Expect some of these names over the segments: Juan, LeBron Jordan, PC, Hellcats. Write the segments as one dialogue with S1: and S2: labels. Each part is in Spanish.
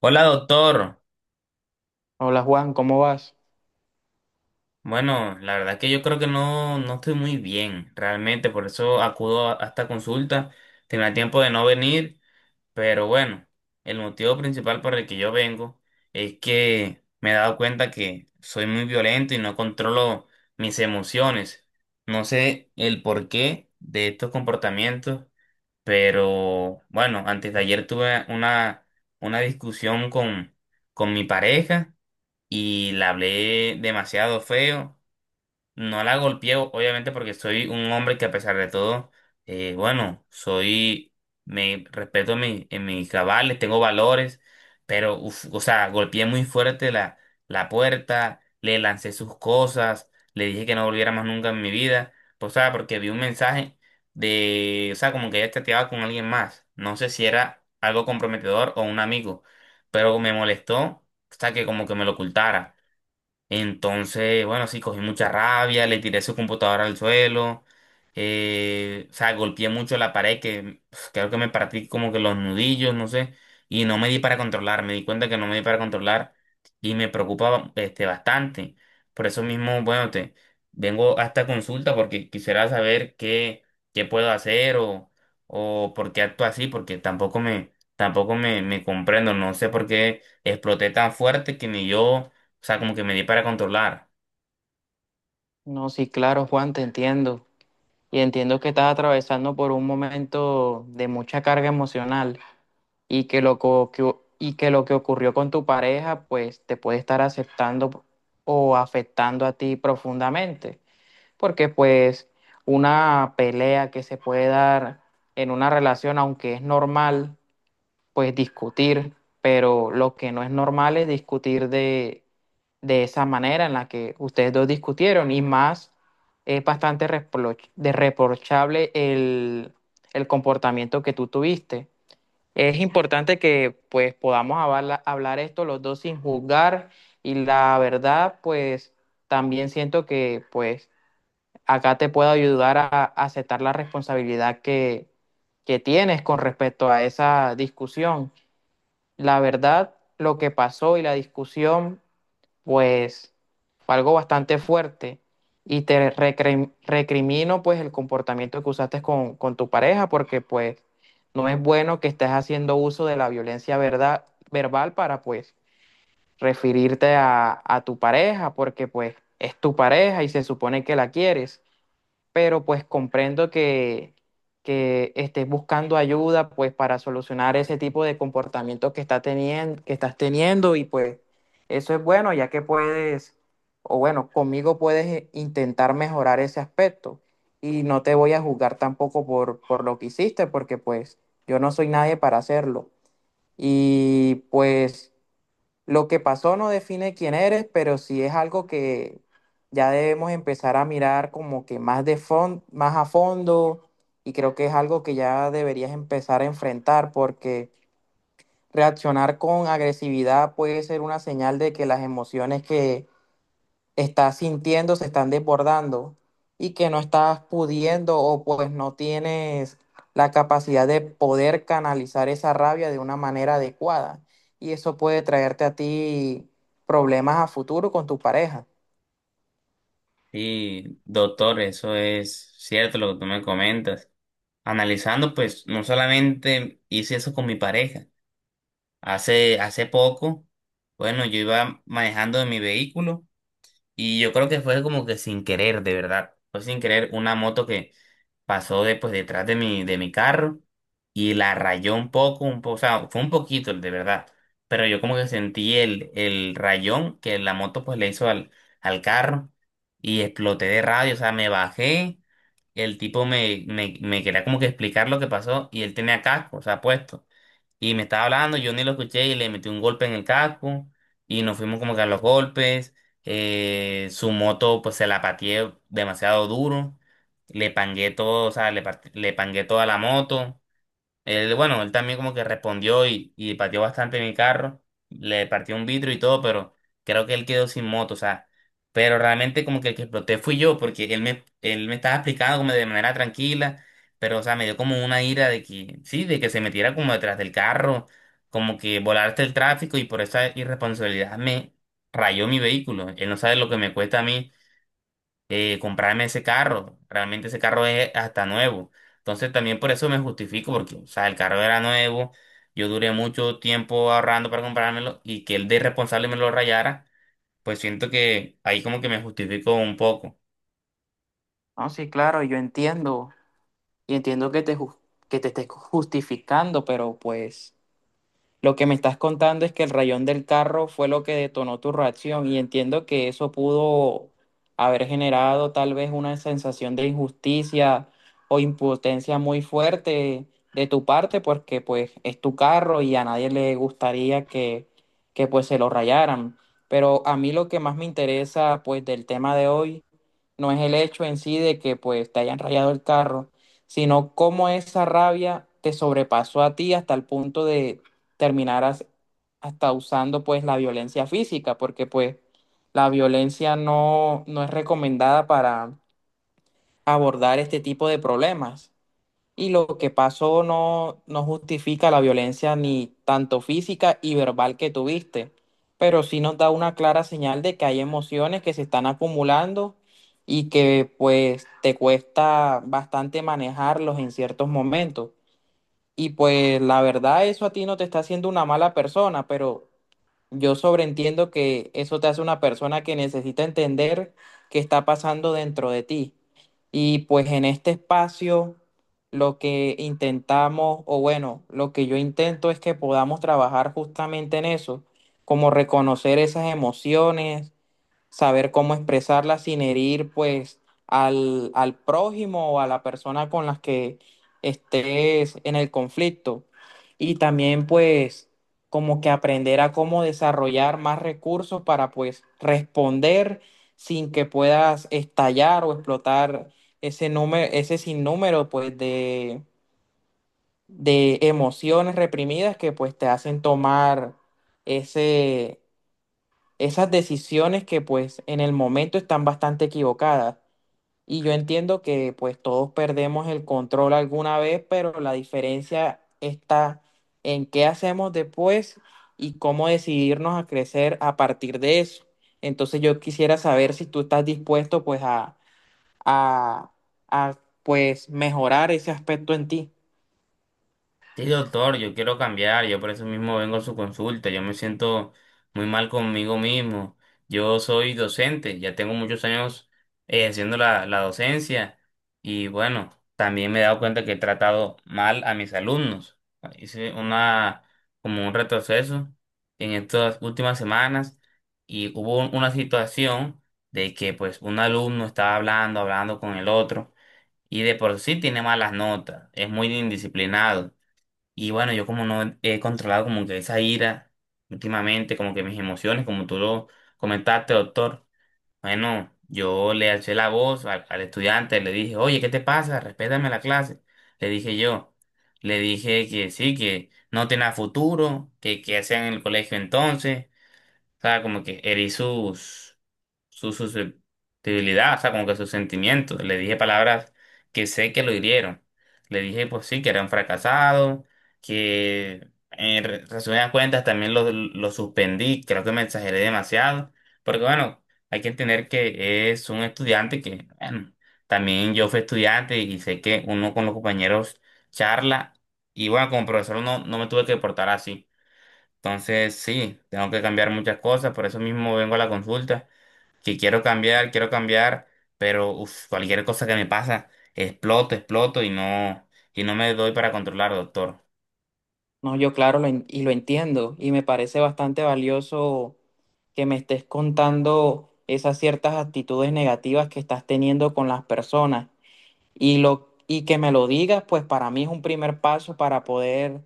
S1: Hola, doctor.
S2: Hola Juan, ¿cómo vas?
S1: Bueno, la verdad que yo creo que no estoy muy bien, realmente, por eso acudo a esta consulta. Tenía tiempo de no venir, pero bueno, el motivo principal por el que yo vengo es que me he dado cuenta que soy muy violento y no controlo mis emociones. No sé el porqué de estos comportamientos, pero bueno, antes de ayer tuve una discusión con mi pareja. Y la hablé demasiado feo. No la golpeé, obviamente, porque soy un hombre que a pesar de todo, bueno, me respeto en mis cabales, tengo valores, pero, uf, o sea, golpeé muy fuerte la puerta, le lancé sus cosas, le dije que no volviera más nunca en mi vida, pues, o sea, porque vi un mensaje de, o sea, como que ella chateaba con alguien más. No sé si era algo comprometedor o un amigo, pero me molestó, o sea, que como que me lo ocultara. Entonces, bueno, sí, cogí mucha rabia, le tiré su computadora al suelo, o sea, golpeé mucho la pared que pf, creo que me partí como que los nudillos, no sé, y no me di para controlar, me di cuenta que no me di para controlar y me preocupaba este, bastante. Por eso mismo, bueno, te vengo a esta consulta porque quisiera saber qué puedo hacer o por qué actúo así, porque tampoco me comprendo, no sé por qué exploté tan fuerte que ni yo, o sea, como que me di para controlar.
S2: No, sí, claro, Juan, te entiendo. Y entiendo que estás atravesando por un momento de mucha carga emocional y que lo que ocurrió con tu pareja, pues te puede estar aceptando o afectando a ti profundamente. Porque pues una pelea que se puede dar en una relación, aunque es normal, pues discutir, pero lo que no es normal es discutir de esa manera en la que ustedes dos discutieron, y más es bastante reproch- de reprochable el comportamiento que tú tuviste. Es importante que pues podamos hablar, hablar esto los dos sin juzgar, y la verdad pues también siento que pues acá te puedo ayudar a aceptar la responsabilidad que tienes con respecto a esa discusión. La verdad, lo que pasó y la discusión, pues fue algo bastante fuerte, y te recrimino pues el comportamiento que usaste con tu pareja, porque pues no es bueno que estés haciendo uso de la violencia, verdad, verbal, para pues referirte a tu pareja, porque pues es tu pareja y se supone que la quieres. Pero pues comprendo que estés buscando ayuda pues para solucionar ese tipo de comportamiento que está teniendo, que estás teniendo, y pues eso es bueno, ya que puedes, o bueno, conmigo puedes intentar mejorar ese aspecto. Y no te voy a juzgar tampoco por lo que hiciste, porque pues yo no soy nadie para hacerlo, y pues... Lo que pasó no define quién eres, pero sí es algo que ya debemos empezar a mirar como que más a fondo, y creo que es algo que ya deberías empezar a enfrentar, porque reaccionar con agresividad puede ser una señal de que las emociones que estás sintiendo se están desbordando, y que no estás pudiendo, o pues no tienes la capacidad de poder canalizar esa rabia de una manera adecuada. Y eso puede traerte a ti problemas a futuro con tu pareja.
S1: Sí, doctor, eso es cierto lo que tú me comentas. Analizando, pues, no solamente hice eso con mi pareja. Hace poco, bueno, yo iba manejando en mi vehículo y yo creo que fue como que sin querer, de verdad. Fue sin querer una moto que pasó de, pues, detrás de mi carro y la rayó un poco, o sea, fue un poquito, de verdad. Pero yo como que sentí el rayón que la moto pues le hizo al carro y exploté de radio, o sea, me bajé, el tipo me quería como que explicar lo que pasó y él tenía casco, o sea, puesto. Y me estaba hablando, yo ni lo escuché y le metí un golpe en el casco y nos fuimos como que a los golpes. Su moto pues se la pateé demasiado duro, le pangué todo, o sea, le pangué toda la moto. Él, bueno, él también como que respondió y pateó bastante mi carro, le partió un vidrio y todo, pero creo que él quedó sin moto, o sea, pero realmente como que el que exploté fui yo, porque él me estaba explicando como de manera tranquila, pero o sea, me dio como una ira de que, sí, de que se metiera como detrás del carro, como que volaste el tráfico y por esa irresponsabilidad me rayó mi vehículo, él no sabe lo que me cuesta a mí, comprarme ese carro. Realmente ese carro es hasta nuevo. Entonces también por eso me justifico, porque, o sea, el carro era nuevo, yo duré mucho tiempo ahorrando para comprármelo y que él de irresponsable me lo rayara, pues siento que ahí como que me justifico un poco.
S2: No, sí, claro, yo entiendo. Y entiendo que que te estés justificando, pero pues... Lo que me estás contando es que el rayón del carro fue lo que detonó tu reacción, y entiendo que eso pudo haber generado tal vez una sensación de injusticia o impotencia muy fuerte de tu parte, porque pues es tu carro y a nadie le gustaría que pues se lo rayaran. Pero a mí lo que más me interesa pues del tema de hoy no es el hecho en sí de que pues te hayan rayado el carro, sino cómo esa rabia te sobrepasó a ti hasta el punto de terminar as- hasta usando pues la violencia física, porque pues la violencia no es recomendada para abordar este tipo de problemas, y lo que pasó no justifica la violencia ni tanto física y verbal que tuviste, pero sí nos da una clara señal de que hay emociones que se están acumulando y que pues te cuesta bastante manejarlos en ciertos momentos. Y pues la verdad eso a ti no te está haciendo una mala persona, pero yo sobreentiendo que eso te hace una persona que necesita entender qué está pasando dentro de ti. Y pues en este espacio lo que intentamos, o bueno, lo que yo intento, es que podamos trabajar justamente en eso, como reconocer esas emociones, saber cómo expresarla sin herir pues al prójimo o a la persona con las que estés en el conflicto. Y también pues como que aprender a cómo desarrollar más recursos para pues responder sin que puedas estallar o explotar ese número, ese sinnúmero pues de emociones reprimidas que pues te hacen tomar ese esas decisiones que pues en el momento están bastante equivocadas. Y yo entiendo que pues todos perdemos el control alguna vez, pero la diferencia está en qué hacemos después y cómo decidirnos a crecer a partir de eso. Entonces yo quisiera saber si tú estás dispuesto a, a pues mejorar ese aspecto en ti.
S1: Sí, doctor, yo quiero cambiar, yo por eso mismo vengo a su consulta, yo me siento muy mal conmigo mismo, yo soy docente, ya tengo muchos años ejerciendo la docencia y bueno, también me he dado cuenta que he tratado mal a mis alumnos, hice como un retroceso en estas últimas semanas y hubo una situación de que pues un alumno estaba hablando con el otro y de por sí tiene malas notas, es muy indisciplinado. Y bueno, yo como no he controlado como que esa ira últimamente, como que mis emociones, como tú lo comentaste, doctor, bueno, yo le alcé la voz al estudiante, le dije, oye, ¿qué te pasa? Respétame la clase. Le dije yo, le dije que sí, que no tenía futuro, que qué hacían en el colegio entonces, o sea, como que herí sus, su susceptibilidad, o sea, como que sus sentimientos. Le dije palabras que sé que lo hirieron. Le dije, pues sí, que era un fracasado, que en resumidas cuentas también lo suspendí, creo que me exageré demasiado. Porque bueno, hay que entender que es un estudiante que, bueno, también yo fui estudiante y sé que uno con los compañeros charla. Y bueno, como profesor no me tuve que portar así. Entonces, sí, tengo que cambiar muchas cosas, por eso mismo vengo a la consulta, que quiero cambiar, pero uf, cualquier cosa que me pasa, exploto, exploto y no me doy para controlar, doctor.
S2: No, yo claro, y lo entiendo, y me parece bastante valioso que me estés contando esas ciertas actitudes negativas que estás teniendo con las personas, y lo y que me lo digas, pues para mí es un primer paso para poder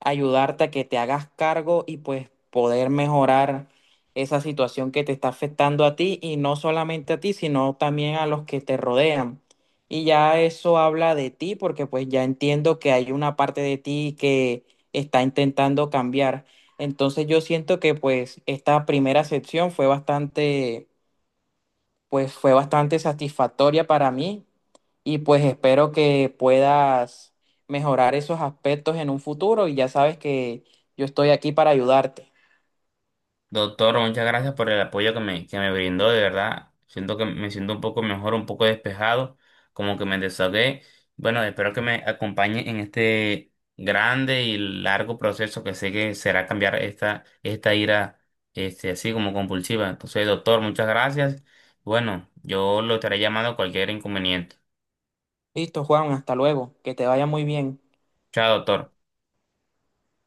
S2: ayudarte a que te hagas cargo y pues poder mejorar esa situación que te está afectando a ti, y no solamente a ti, sino también a los que te rodean. Y ya eso habla de ti, porque pues ya entiendo que hay una parte de ti que está intentando cambiar. Entonces yo siento que pues esta primera sección fue bastante pues fue bastante satisfactoria para mí, y pues espero que puedas mejorar esos aspectos en un futuro, y ya sabes que yo estoy aquí para ayudarte.
S1: Doctor, muchas gracias por el apoyo que me brindó, de verdad. Siento que me siento un poco mejor, un poco despejado, como que me desahogué. Bueno, espero que me acompañe en este grande y largo proceso que sé que será cambiar esta ira, este, así como compulsiva. Entonces, doctor, muchas gracias. Bueno, yo lo estaré llamando cualquier inconveniente.
S2: Listo, Juan, hasta luego, que te vaya muy bien.
S1: Chao, doctor.